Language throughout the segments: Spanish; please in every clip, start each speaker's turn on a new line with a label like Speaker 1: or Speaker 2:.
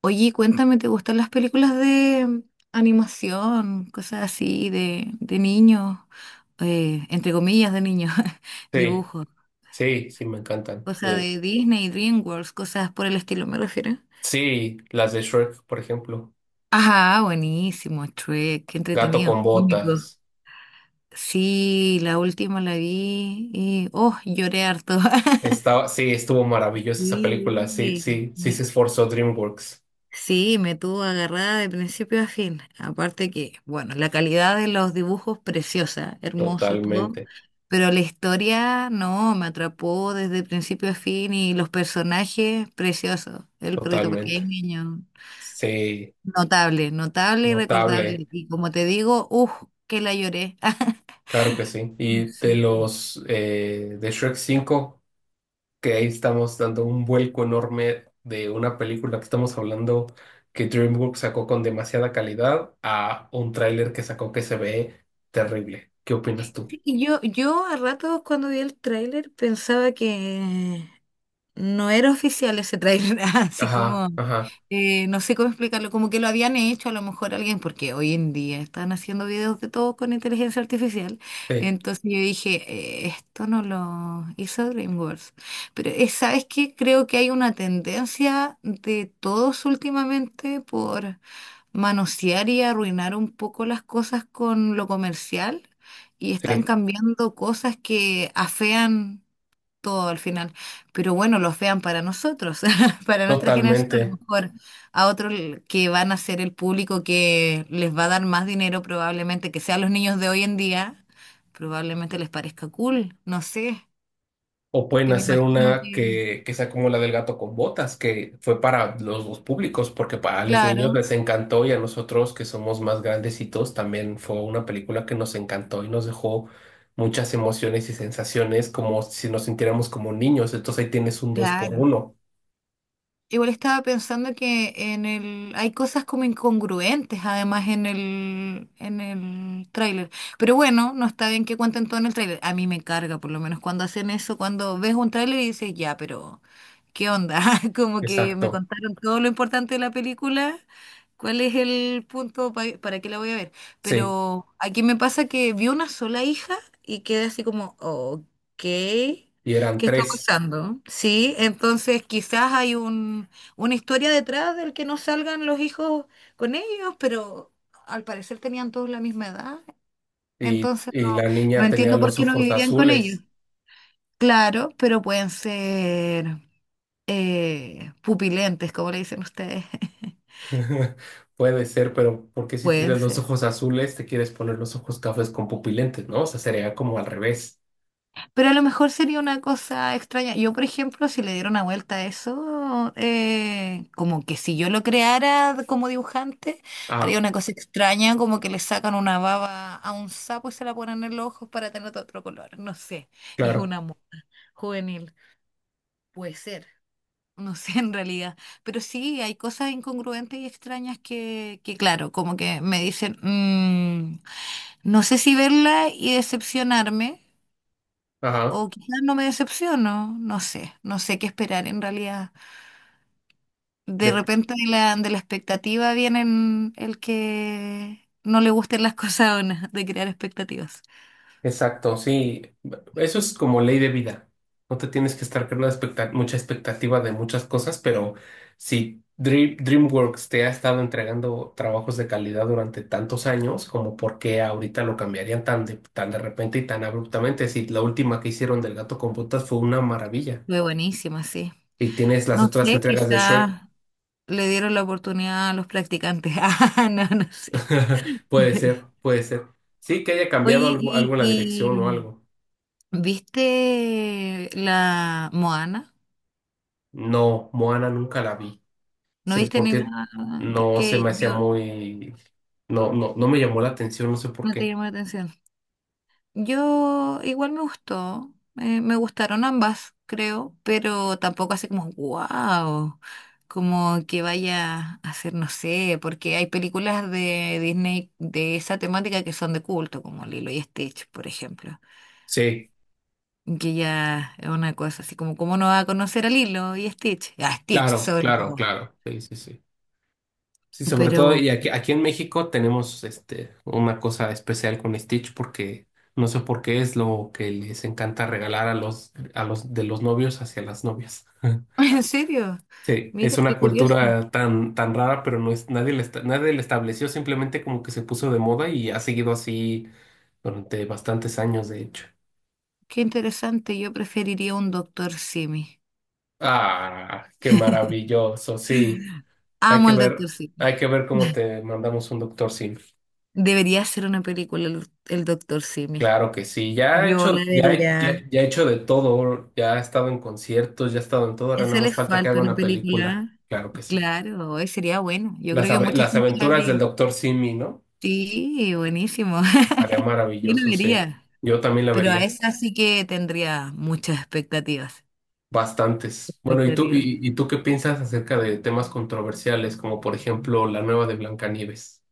Speaker 1: Oye, cuéntame, ¿te gustan las películas de animación, cosas así, de niños, entre comillas, de niños,
Speaker 2: Sí,
Speaker 1: dibujos,
Speaker 2: sí, me encantan.
Speaker 1: cosas de Disney, DreamWorks, cosas por el estilo, me refiero?
Speaker 2: Sí, las de Shrek, por ejemplo.
Speaker 1: Ajá, buenísimo, Shrek, qué
Speaker 2: Gato con
Speaker 1: entretenido, cómico.
Speaker 2: botas.
Speaker 1: Sí, la última la vi y, oh, lloré harto.
Speaker 2: Estaba, sí, estuvo maravillosa esa película.
Speaker 1: Sí,
Speaker 2: Sí, se
Speaker 1: me-
Speaker 2: esforzó DreamWorks.
Speaker 1: sí, me tuvo agarrada de principio a fin. Aparte que, bueno, la calidad de los dibujos preciosa, hermoso todo,
Speaker 2: Totalmente,
Speaker 1: pero la historia no, me atrapó desde principio a fin y los personajes preciosos. El perrito
Speaker 2: totalmente.
Speaker 1: pequeño,
Speaker 2: Sí,
Speaker 1: notable, notable y
Speaker 2: notable.
Speaker 1: recordable. Y como te digo, uff, que la lloré.
Speaker 2: Claro que sí. Y de
Speaker 1: Sí.
Speaker 2: los de Shrek cinco, que ahí estamos dando un vuelco enorme de una película que estamos hablando que DreamWorks sacó con demasiada calidad a un tráiler que sacó que se ve terrible. ¿Qué opinas tú?
Speaker 1: Y yo a ratos cuando vi el tráiler pensaba que no era oficial ese trailer, así
Speaker 2: Ajá,
Speaker 1: como,
Speaker 2: ajá,
Speaker 1: no sé cómo explicarlo, como que lo habían hecho a lo mejor alguien, porque hoy en día están haciendo videos de todo con inteligencia artificial.
Speaker 2: sí,
Speaker 1: Entonces yo dije, esto no lo hizo DreamWorks. Pero ¿sabes qué? Creo que hay una tendencia de todos últimamente por manosear y arruinar un poco las cosas con lo comercial y están
Speaker 2: sí,
Speaker 1: cambiando cosas que afean todo al final. Pero bueno, los vean para nosotros, para nuestra generación, a lo
Speaker 2: totalmente.
Speaker 1: mejor a otros que van a ser el público que les va a dar más dinero, probablemente que sean los niños de hoy en día, probablemente les parezca cool, no sé,
Speaker 2: O pueden
Speaker 1: que me
Speaker 2: hacer
Speaker 1: imagino
Speaker 2: una
Speaker 1: que,
Speaker 2: que sea como la del gato con botas, que fue para los dos públicos, porque para los niños
Speaker 1: claro,
Speaker 2: les encantó y a nosotros que somos más grandecitos también fue una película que nos encantó y nos dejó muchas emociones y sensaciones como si nos sintiéramos como niños. Entonces ahí tienes un dos por
Speaker 1: claro.
Speaker 2: uno.
Speaker 1: Igual estaba pensando que en el hay cosas como incongruentes además en el tráiler. Pero bueno, no está bien que cuenten todo en el tráiler. A mí me carga por lo menos cuando hacen eso, cuando ves un tráiler y dices, "Ya, pero ¿qué onda?" Como que me
Speaker 2: Exacto,
Speaker 1: contaron todo lo importante de la película. ¿Cuál es el punto para qué la voy a ver?
Speaker 2: sí.
Speaker 1: Pero aquí me pasa que vi una sola hija y quedé así como, "Ok."
Speaker 2: Y eran
Speaker 1: ¿Qué está
Speaker 2: tres.
Speaker 1: pasando? Sí, entonces una historia detrás del que no salgan los hijos con ellos, pero al parecer tenían todos la misma edad,
Speaker 2: Y,
Speaker 1: entonces
Speaker 2: y la
Speaker 1: no
Speaker 2: niña tenía
Speaker 1: entiendo por
Speaker 2: los
Speaker 1: qué no
Speaker 2: ojos
Speaker 1: vivían con ellos.
Speaker 2: azules.
Speaker 1: Claro, pero pueden ser pupilentes, como le dicen ustedes.
Speaker 2: Puede ser, pero ¿por qué si
Speaker 1: Pueden
Speaker 2: tienes los
Speaker 1: ser.
Speaker 2: ojos azules te quieres poner los ojos cafés con pupilentes, no? O sea, sería como al revés.
Speaker 1: Pero a lo mejor sería una cosa extraña. Yo, por ejemplo, si le diera una vuelta a eso, como que si yo lo creara como dibujante, haría
Speaker 2: Ah,
Speaker 1: una cosa extraña, como que le sacan una baba a un sapo y se la ponen en los ojos para tener otro color. No sé. Y es un
Speaker 2: claro.
Speaker 1: amor juvenil. Puede ser. No sé en realidad. Pero sí, hay cosas incongruentes y extrañas que claro, como que me dicen, "Mm, no sé si verla y decepcionarme. O
Speaker 2: Ajá.
Speaker 1: quizás no me decepciono, no sé, no sé qué esperar en realidad. De
Speaker 2: De-
Speaker 1: repente de la expectativa vienen el que no le gusten las cosas o no, de crear expectativas.
Speaker 2: Exacto, sí. Eso es como ley de vida. No te tienes que estar creando expecta- mucha expectativa de muchas cosas, pero si Dream- DreamWorks te ha estado entregando trabajos de calidad durante tantos años, como ¿por qué ahorita lo cambiarían tan de repente y tan abruptamente, si la última que hicieron del gato con botas fue una maravilla,
Speaker 1: Fue buenísima, sí.
Speaker 2: y tienes las
Speaker 1: No
Speaker 2: otras
Speaker 1: sé,
Speaker 2: entregas de Shrek.
Speaker 1: quizás le dieron la oportunidad a los practicantes. Ah, no, no sé.
Speaker 2: Puede ser, puede ser. Sí, que haya
Speaker 1: Oye,
Speaker 2: cambiado algo, algo en la
Speaker 1: y
Speaker 2: dirección o
Speaker 1: mm,
Speaker 2: algo.
Speaker 1: ¿viste la Moana?
Speaker 2: No, Moana nunca la vi.
Speaker 1: ¿No
Speaker 2: Sí,
Speaker 1: viste ni la...?
Speaker 2: porque no se
Speaker 1: Porque
Speaker 2: me hacía
Speaker 1: yo
Speaker 2: muy... No, no me llamó la atención, no sé por
Speaker 1: no te
Speaker 2: qué.
Speaker 1: llamó la atención. Yo igual me gustó, me gustaron ambas, creo, pero tampoco así como, wow, como que vaya a ser, no sé, porque hay películas de Disney de esa temática que son de culto, como Lilo y Stitch, por ejemplo,
Speaker 2: Sí,
Speaker 1: que ya es una cosa así como, ¿cómo no va a conocer a Lilo y Stitch? A Stitch,
Speaker 2: claro,
Speaker 1: sobre
Speaker 2: claro,
Speaker 1: todo.
Speaker 2: claro. Sí, sí, sí. Sí, sobre todo, y
Speaker 1: Pero,
Speaker 2: aquí en México tenemos este, una cosa especial con Stitch porque no sé por qué es lo que les encanta regalar a a los de los novios hacia las novias.
Speaker 1: ¿en serio?
Speaker 2: Sí, es
Speaker 1: Miren qué
Speaker 2: una
Speaker 1: curioso,
Speaker 2: cultura tan rara, pero no es, nadie la, esta- nadie la estableció, simplemente como que se puso de moda y ha seguido así durante bastantes años, de hecho.
Speaker 1: qué interesante, yo preferiría un Doctor Simi.
Speaker 2: Ah, qué maravilloso, sí. Hay
Speaker 1: Amo
Speaker 2: que
Speaker 1: al
Speaker 2: ver,
Speaker 1: Doctor
Speaker 2: hay
Speaker 1: Simi.
Speaker 2: que ver cómo te mandamos un doctor Sim.
Speaker 1: Debería ser una película el Doctor Simi.
Speaker 2: Claro que sí. Ya he
Speaker 1: Yo
Speaker 2: hecho,
Speaker 1: la vería.
Speaker 2: ya he hecho de todo, ya he estado en conciertos, ya he estado en todo, ahora nada
Speaker 1: Eso
Speaker 2: más
Speaker 1: les
Speaker 2: falta que
Speaker 1: falta
Speaker 2: haga
Speaker 1: una
Speaker 2: una película.
Speaker 1: película.
Speaker 2: Claro que sí.
Speaker 1: Claro, hoy sería bueno. Yo
Speaker 2: Las,
Speaker 1: creo que
Speaker 2: ave-
Speaker 1: mucha
Speaker 2: las
Speaker 1: gente la
Speaker 2: aventuras del
Speaker 1: vería.
Speaker 2: doctor Simi, ¿no?
Speaker 1: Sí, buenísimo.
Speaker 2: Estaría
Speaker 1: Yo la
Speaker 2: maravilloso, sí.
Speaker 1: vería.
Speaker 2: Yo también la
Speaker 1: Pero a
Speaker 2: vería.
Speaker 1: esa sí que tendría muchas expectativas.
Speaker 2: Bastantes. Bueno, ¿y
Speaker 1: Expectativas.
Speaker 2: y tú qué piensas acerca de temas controversiales, como por ejemplo la nueva de Blancanieves?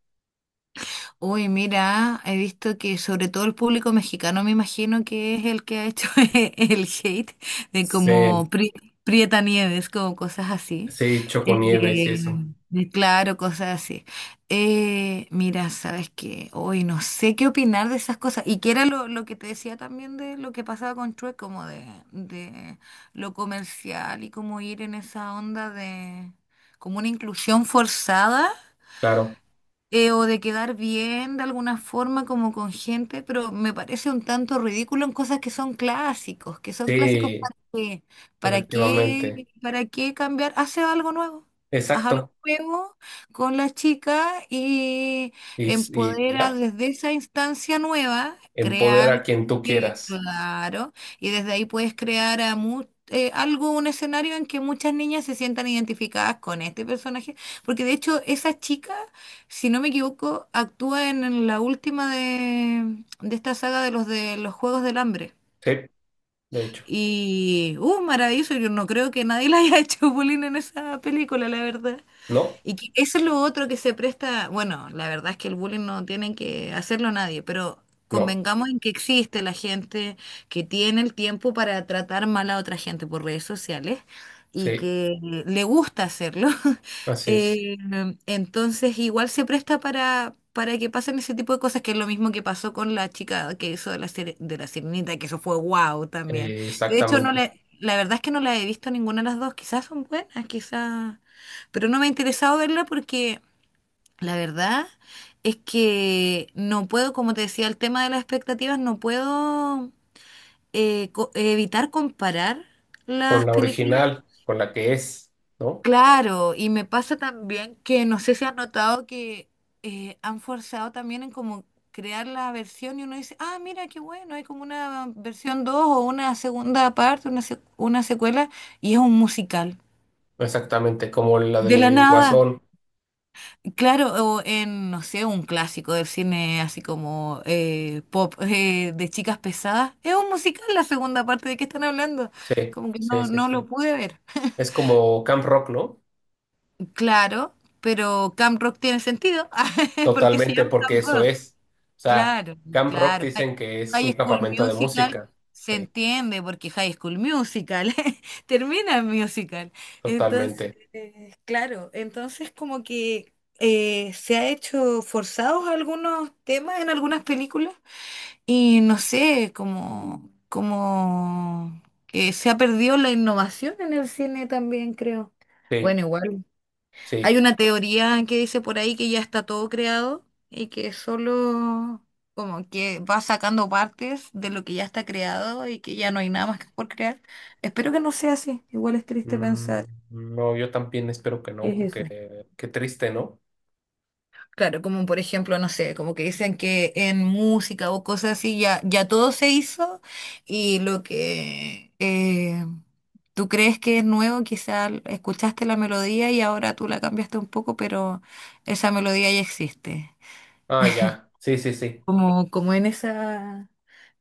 Speaker 1: Uy, mira, he visto que sobre todo el público mexicano me imagino que es el que ha hecho el hate de
Speaker 2: Sí,
Speaker 1: como Prieta Nieves, como cosas así.
Speaker 2: sí,
Speaker 1: Eh,
Speaker 2: Choconieves y eso.
Speaker 1: de claro, cosas así. Mira, sabes que hoy no sé qué opinar de esas cosas. Y que era lo que te decía también de lo que pasaba con True, como de lo comercial y como ir en esa onda de como una inclusión forzada
Speaker 2: Claro,
Speaker 1: o de quedar bien de alguna forma como con gente, pero me parece un tanto ridículo en cosas que son clásicos
Speaker 2: sí,
Speaker 1: para qué,
Speaker 2: efectivamente.
Speaker 1: para qué cambiar, hace algo nuevo. Haz algo
Speaker 2: Exacto.
Speaker 1: nuevo con la chica y
Speaker 2: Y
Speaker 1: empodera
Speaker 2: ya,
Speaker 1: desde esa instancia nueva, crea
Speaker 2: empodera a
Speaker 1: algo
Speaker 2: quien tú
Speaker 1: que,
Speaker 2: quieras.
Speaker 1: claro, y desde ahí puedes crear a algo, un escenario en que muchas niñas se sientan identificadas con este personaje, porque de hecho esa chica si no me equivoco, actúa en la última de esta saga de los Juegos del Hambre.
Speaker 2: Sí, de hecho.
Speaker 1: Y, maravilloso, yo no creo que nadie le haya hecho bullying en esa película, la verdad.
Speaker 2: No,
Speaker 1: Y que eso es lo otro que se presta, bueno, la verdad es que el bullying no tiene que hacerlo nadie, pero
Speaker 2: no,
Speaker 1: convengamos en que existe la gente que tiene el tiempo para tratar mal a otra gente por redes sociales y
Speaker 2: sí,
Speaker 1: que le gusta hacerlo.
Speaker 2: así es.
Speaker 1: Eh, entonces igual se presta para que pasen ese tipo de cosas, que es lo mismo que pasó con la chica que hizo de de la sirenita, que eso fue wow también. De hecho, no
Speaker 2: Exactamente.
Speaker 1: le, la verdad es que no la he visto ninguna de las dos, quizás son buenas, quizás pero no me ha interesado verla porque la verdad es que no puedo, como te decía, el tema de las expectativas, no puedo evitar comparar
Speaker 2: Con
Speaker 1: las
Speaker 2: la
Speaker 1: películas.
Speaker 2: original, con la que es, ¿no?
Speaker 1: Claro, y me pasa también que no sé si has notado que han forzado también en como crear la versión y uno dice, ah, mira, qué bueno, hay como una versión 2 o una segunda parte, una secuela, y es un musical.
Speaker 2: Exactamente, como la
Speaker 1: De la
Speaker 2: del
Speaker 1: nada.
Speaker 2: Guasón.
Speaker 1: Claro, o en, no sé, un clásico del cine así como pop de chicas pesadas. Es un musical la segunda parte, ¿de qué están hablando?
Speaker 2: Sí,
Speaker 1: Como que
Speaker 2: sí,
Speaker 1: no,
Speaker 2: sí,
Speaker 1: no lo
Speaker 2: sí.
Speaker 1: pude ver.
Speaker 2: Es como Camp Rock, ¿no?
Speaker 1: Claro, pero Camp Rock tiene sentido, porque se
Speaker 2: Totalmente,
Speaker 1: llama
Speaker 2: porque
Speaker 1: Camp
Speaker 2: eso
Speaker 1: Rock.
Speaker 2: es. O sea,
Speaker 1: Claro,
Speaker 2: Camp Rock
Speaker 1: claro.
Speaker 2: dicen que es un
Speaker 1: High School
Speaker 2: campamento de
Speaker 1: Musical
Speaker 2: música.
Speaker 1: se
Speaker 2: Sí,
Speaker 1: entiende porque High School Musical termina en musical. Entonces,
Speaker 2: totalmente.
Speaker 1: claro, entonces como que se ha hecho forzados algunos temas en algunas películas y no sé, como que se ha perdido la innovación en el cine también, creo.
Speaker 2: Sí,
Speaker 1: Bueno, igual. Hay
Speaker 2: sí.
Speaker 1: una teoría que dice por ahí que ya está todo creado y que solo como que va sacando partes de lo que ya está creado y que ya no hay nada más que por crear. Espero que no sea así. Igual es triste
Speaker 2: Mm,
Speaker 1: pensar
Speaker 2: no, yo también espero que
Speaker 1: qué
Speaker 2: no,
Speaker 1: es eso.
Speaker 2: porque qué triste, ¿no?
Speaker 1: Claro, como por ejemplo, no sé, como que dicen que en música o cosas así ya todo se hizo y lo que tú crees que es nuevo, quizás escuchaste la melodía y ahora tú la cambiaste un poco, pero esa melodía ya existe.
Speaker 2: Ah, ya. Sí, sí, sí.
Speaker 1: Como en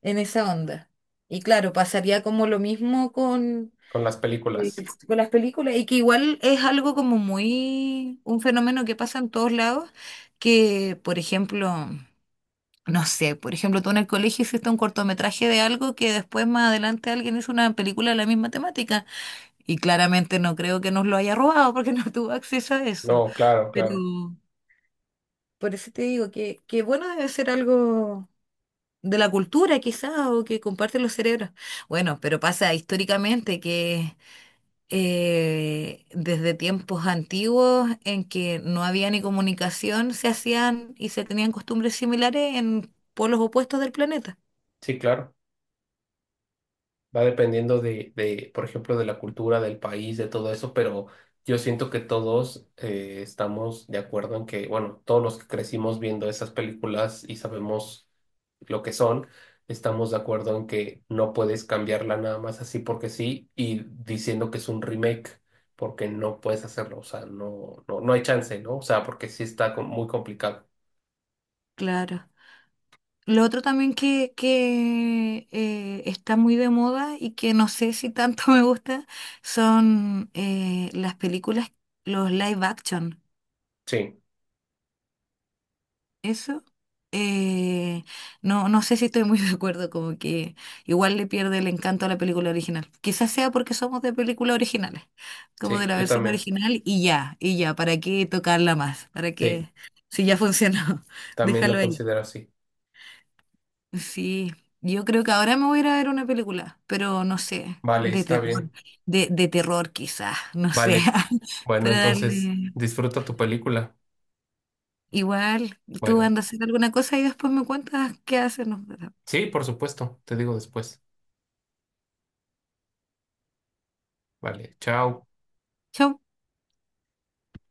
Speaker 1: en esa onda. Y claro, pasaría como lo mismo con,
Speaker 2: Con las
Speaker 1: Sí.
Speaker 2: películas.
Speaker 1: con las películas, y que igual es algo como muy, un fenómeno que pasa en todos lados, que por ejemplo, no sé, por ejemplo, tú en el colegio hiciste un cortometraje de algo que después más adelante alguien hizo una película de la misma temática, y claramente no creo que nos lo haya robado porque no tuvo acceso a eso,
Speaker 2: No, claro,
Speaker 1: pero
Speaker 2: claro.
Speaker 1: por eso te digo que bueno debe ser algo de la cultura quizás o que comparten los cerebros. Bueno, pero pasa históricamente que desde tiempos antiguos en que no había ni comunicación, se hacían y se tenían costumbres similares en polos opuestos del planeta.
Speaker 2: Sí, claro. Va dependiendo por ejemplo, de la cultura del país, de todo eso, pero yo siento que todos estamos de acuerdo en que, bueno, todos los que crecimos viendo esas películas y sabemos lo que son, estamos de acuerdo en que no puedes cambiarla nada más así porque sí y diciendo que es un remake, porque no puedes hacerlo, o sea, no hay chance, ¿no? O sea, porque sí está com- muy complicado.
Speaker 1: Claro. Lo otro también que está muy de moda y que no sé si tanto me gusta son las películas, los live action.
Speaker 2: Sí,
Speaker 1: Eso, eh, no, no sé si estoy muy de acuerdo, como que igual le pierde el encanto a la película original. Quizás sea porque somos de películas originales, como de
Speaker 2: sí,
Speaker 1: la
Speaker 2: yo
Speaker 1: versión
Speaker 2: también.
Speaker 1: original y ya, ¿para qué tocarla más? ¿Para
Speaker 2: Sí,
Speaker 1: qué? Si ya funcionó,
Speaker 2: también lo
Speaker 1: déjalo ahí.
Speaker 2: considero así.
Speaker 1: Sí, yo creo que ahora me voy a ir a ver una película, pero no sé,
Speaker 2: Vale,
Speaker 1: de
Speaker 2: está
Speaker 1: terror,
Speaker 2: bien.
Speaker 1: de terror quizás, no sé,
Speaker 2: Vale. Bueno,
Speaker 1: para
Speaker 2: entonces
Speaker 1: darle...
Speaker 2: disfruta tu película.
Speaker 1: Igual, tú
Speaker 2: Bueno,
Speaker 1: andas a hacer alguna cosa y después me cuentas qué haces. Nos-
Speaker 2: sí, por supuesto, te digo después. Vale, chao.
Speaker 1: Chao.